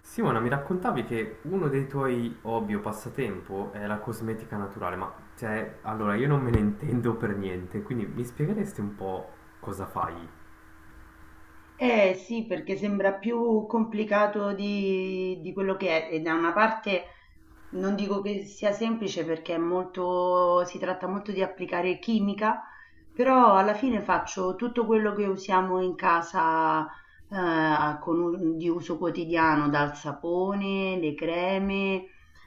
Simona, mi raccontavi che uno dei tuoi hobby o passatempo è la cosmetica naturale, ma cioè, allora io non me ne intendo per niente, quindi mi spiegheresti un po' cosa fai? Eh sì, perché sembra più complicato di quello che è e da una parte non dico che sia semplice perché è molto, si tratta molto di applicare chimica, però alla fine faccio tutto quello che usiamo in casa con di uso quotidiano, dal sapone, le creme,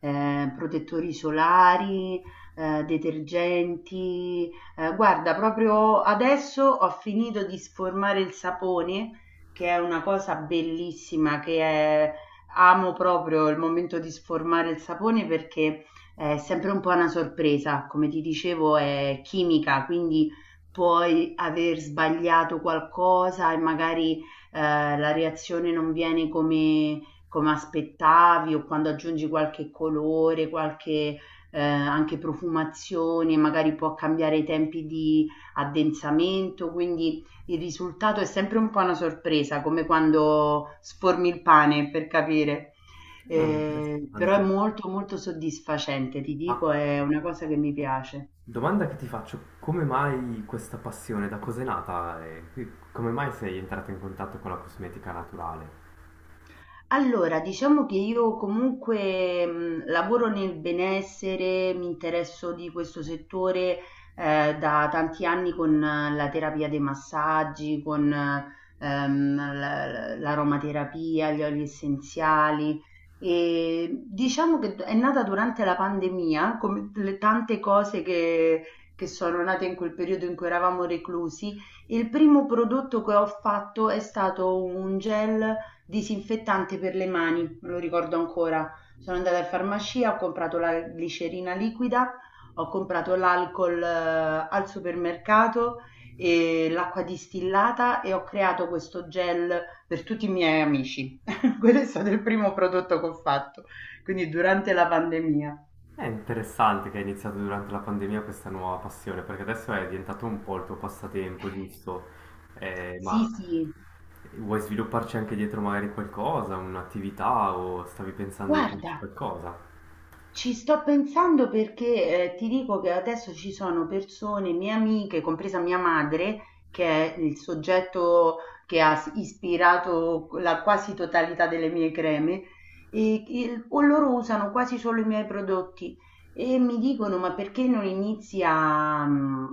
protettori solari, detergenti. Guarda, proprio adesso ho finito di sformare il sapone che è una cosa bellissima, che è Amo proprio il momento di sformare il sapone perché è sempre un po' una sorpresa, come ti dicevo è chimica, quindi puoi aver sbagliato qualcosa e magari la reazione non viene come aspettavi, o quando aggiungi qualche colore, qualche anche profumazione, magari può cambiare i tempi di addensamento, quindi il risultato è sempre un po' una sorpresa, come quando sformi il pane per capire. Oh, Però è interessante. Molto soddisfacente, ti Ma dico, è una cosa che mi piace. domanda che ti faccio, come mai questa passione, da cos'è nata e come mai sei entrato in contatto con la cosmetica naturale? Allora, diciamo che io comunque lavoro nel benessere, mi interesso di questo settore da tanti anni con la terapia dei massaggi, con l'aromaterapia, gli oli essenziali. E diciamo che è nata durante la pandemia, come le tante cose che sono nate in quel periodo in cui eravamo reclusi. Il primo prodotto che ho fatto è stato un gel disinfettante per le mani, me lo ricordo ancora. Sono andata in farmacia, ho comprato la glicerina liquida, ho comprato l'alcol al supermercato e l'acqua distillata, e ho creato questo gel per tutti i miei amici. Quello è stato il primo prodotto che ho fatto, quindi durante la pandemia. È interessante che hai iniziato durante la pandemia questa nuova passione, perché adesso è diventato un po' il tuo passatempo, giusto? Eh, Sì, ma sì, vuoi svilupparci anche dietro magari qualcosa, un'attività o stavi pensando di farci guarda. qualcosa? Ci sto pensando perché ti dico che adesso ci sono persone, mie amiche, compresa mia madre, che è il soggetto che ha ispirato la quasi totalità delle mie creme, e, o loro usano quasi solo i miei prodotti e mi dicono: Ma perché non inizi a,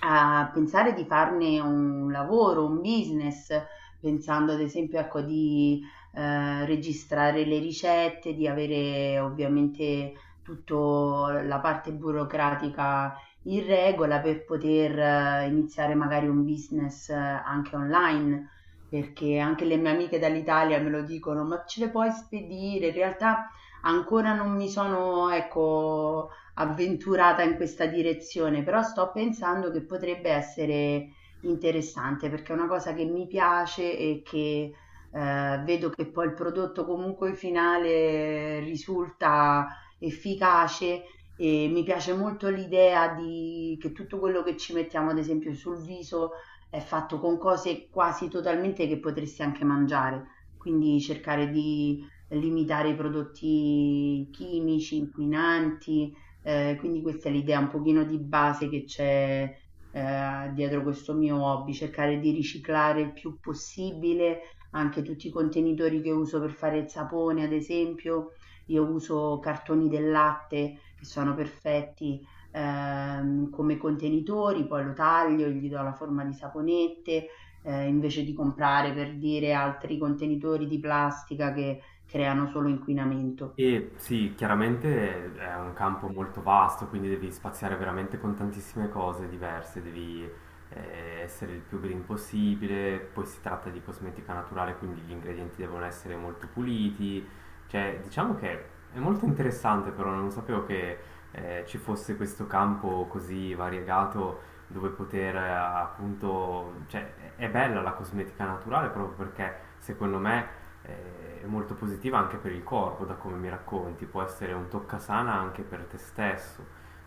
a pensare di farne un lavoro, un business? Pensando ad esempio, ecco, di registrare le ricette, di avere ovviamente tutta la parte burocratica in regola per poter iniziare magari un business anche online, perché anche le mie amiche dall'Italia me lo dicono, ma ce le puoi spedire? In realtà ancora non mi sono, ecco, avventurata in questa direzione, però sto pensando che potrebbe essere interessante perché è una cosa che mi piace e che vedo che poi il prodotto comunque finale risulta efficace, e mi piace molto l'idea di, che tutto quello che ci mettiamo, ad esempio, sul viso è fatto con cose quasi totalmente che potresti anche mangiare, quindi cercare di limitare i prodotti chimici, inquinanti, quindi questa è l'idea un pochino di base che c'è dietro questo mio hobby, cercare di riciclare il più possibile anche tutti i contenitori che uso per fare il sapone, ad esempio, io uso cartoni del latte che sono perfetti, come contenitori, poi lo taglio, gli do la forma di saponette, invece di comprare, per dire, altri contenitori di plastica che creano solo inquinamento. E sì, chiaramente è un campo molto vasto, quindi devi spaziare veramente con tantissime cose diverse, devi essere il più green possibile, poi si tratta di cosmetica naturale, quindi gli ingredienti devono essere molto puliti, cioè diciamo che è molto interessante, però non sapevo che ci fosse questo campo così variegato dove poter appunto, cioè è bella la cosmetica naturale proprio perché secondo me è molto positiva anche per il corpo, da come mi racconti, può essere un toccasana anche per te stesso.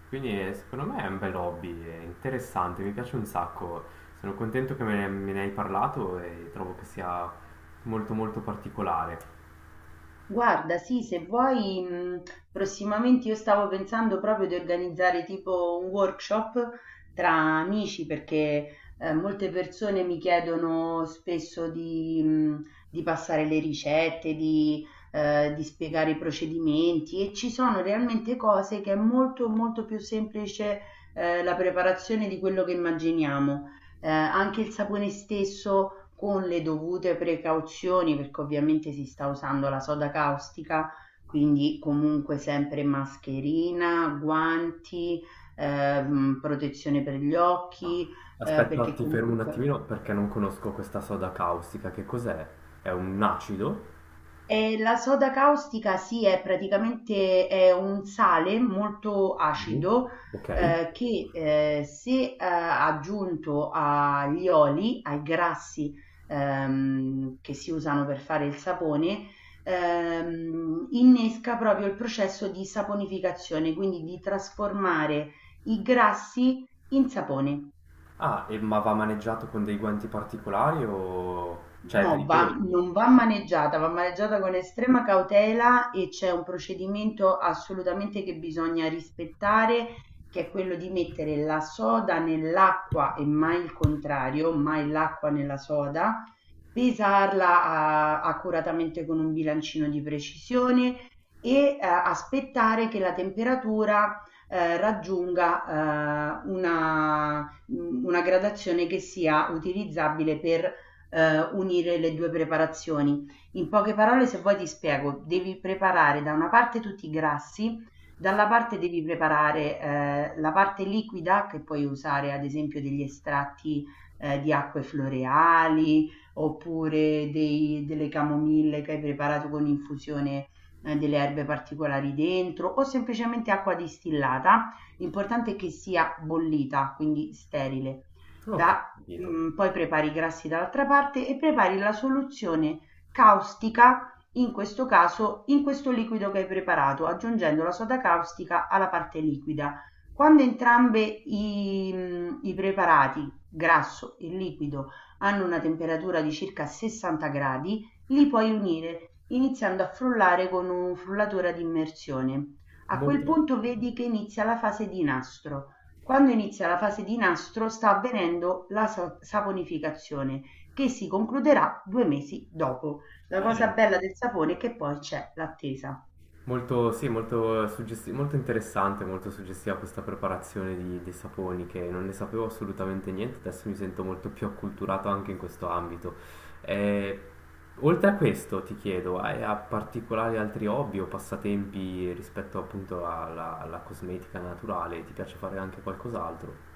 Quindi secondo me è un bel hobby, è interessante, mi piace un sacco. Sono contento che me ne hai parlato e trovo che sia molto molto particolare. Guarda, sì, se vuoi, prossimamente io stavo pensando proprio di organizzare tipo un workshop tra amici, perché molte persone mi chiedono spesso di passare le ricette, di spiegare i procedimenti, e ci sono realmente cose che è molto molto più semplice la preparazione di quello che immaginiamo. Anche il sapone stesso, con le dovute precauzioni, perché ovviamente si sta usando la soda caustica, quindi comunque sempre mascherina, guanti, protezione per gli Ma occhi, aspetta, perché ti fermo un comunque. attimino perché non conosco questa soda caustica. Che cos'è? È un acido? E la soda caustica, sì, è praticamente è un sale molto Mhm. acido, Ok. che se aggiunto agli oli, ai grassi, che si usano per fare il sapone, innesca proprio il processo di saponificazione, quindi di trasformare i grassi in sapone. Ah, ma va maneggiato con dei guanti particolari o, cioè è No, non pericoloso? va maneggiata, va maneggiata con estrema cautela, e c'è un procedimento assolutamente che bisogna rispettare, che è quello di mettere la soda nell'acqua e mai il contrario, mai l'acqua nella soda, pesarla accuratamente con un bilancino di precisione, e aspettare che la temperatura raggiunga una gradazione che sia utilizzabile per unire le due preparazioni. In poche parole, se vuoi ti spiego, devi preparare da una parte tutti i grassi, dalla parte devi preparare la parte liquida, che puoi usare ad esempio degli estratti di acque floreali, oppure delle camomille che hai preparato con infusione delle erbe particolari dentro, o semplicemente acqua distillata. L'importante è che sia bollita, quindi sterile. Ok, Da capito. Poi prepari i grassi dall'altra parte e prepari la soluzione caustica, in questo caso in questo liquido che hai preparato, aggiungendo la soda caustica alla parte liquida. Quando entrambe i preparati, grasso e liquido, hanno una temperatura di circa 60 gradi, li puoi unire iniziando a frullare con un frullatore ad immersione. A quel Molto, punto vedi che inizia la fase di nastro. Quando inizia la fase di nastro sta avvenendo la saponificazione, che si concluderà 2 mesi dopo. La cosa eh, bella del sapone è che poi c'è l'attesa. molto, sì, molto, molto interessante, molto suggestiva questa preparazione di, dei saponi che non ne sapevo assolutamente niente, adesso mi sento molto più acculturato anche in questo ambito. Eh, Oltre a questo ti chiedo, hai a particolari altri hobby o passatempi rispetto appunto alla, alla cosmetica naturale? Ti piace fare anche qualcos'altro?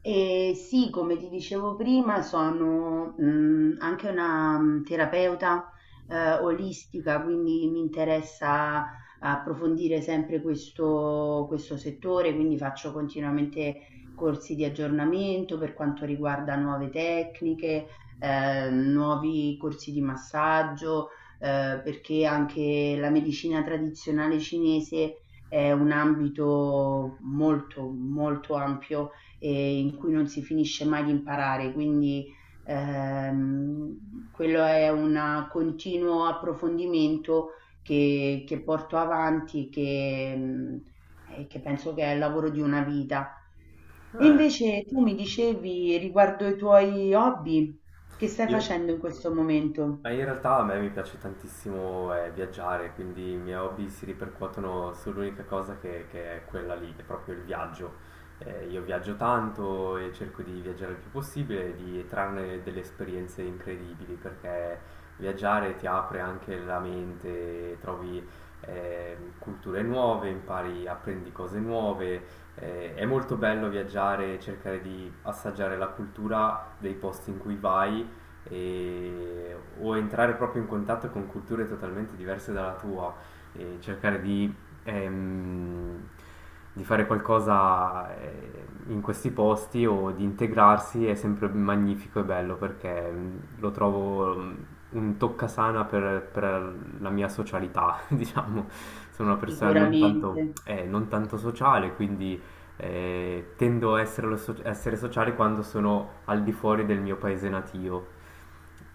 Eh sì, come ti dicevo prima, sono anche una terapeuta olistica, quindi mi interessa approfondire sempre questo settore, quindi faccio continuamente corsi di aggiornamento per quanto riguarda nuove tecniche, nuovi corsi di massaggio, perché anche la medicina tradizionale cinese è un ambito molto ampio e in cui non si finisce mai di imparare, quindi quello è un continuo approfondimento che porto avanti, che penso che è il lavoro di una vita. E Eh, invece tu mi dicevi riguardo ai tuoi hobby, che stai io... facendo in questo momento? Ma in realtà a me mi piace tantissimo viaggiare, quindi i miei hobby si ripercuotono sull'unica cosa che è quella lì, che è proprio il viaggio. Io viaggio tanto e cerco di viaggiare il più possibile e di trarne delle esperienze incredibili, perché viaggiare ti apre anche la mente, trovi culture nuove, impari, apprendi cose nuove. È molto bello viaggiare e cercare di assaggiare la cultura dei posti in cui vai o entrare proprio in contatto con culture totalmente diverse dalla tua e cercare ehm, di fare qualcosa in questi posti o di integrarsi è sempre magnifico e bello perché lo trovo un toccasana per la mia socialità, diciamo. Sono una persona non Sicuramente. tanto, non tanto sociale, quindi tendo a essere, essere sociale quando sono al di fuori del mio paese natio.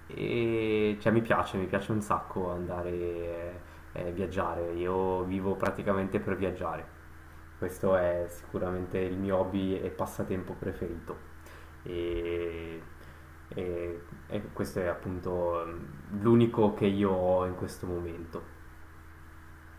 E cioè, mi piace un sacco andare viaggiare. Io vivo praticamente per viaggiare. Questo è sicuramente il mio hobby e passatempo preferito. E, e- e questo è appunto l'unico che io ho in questo momento.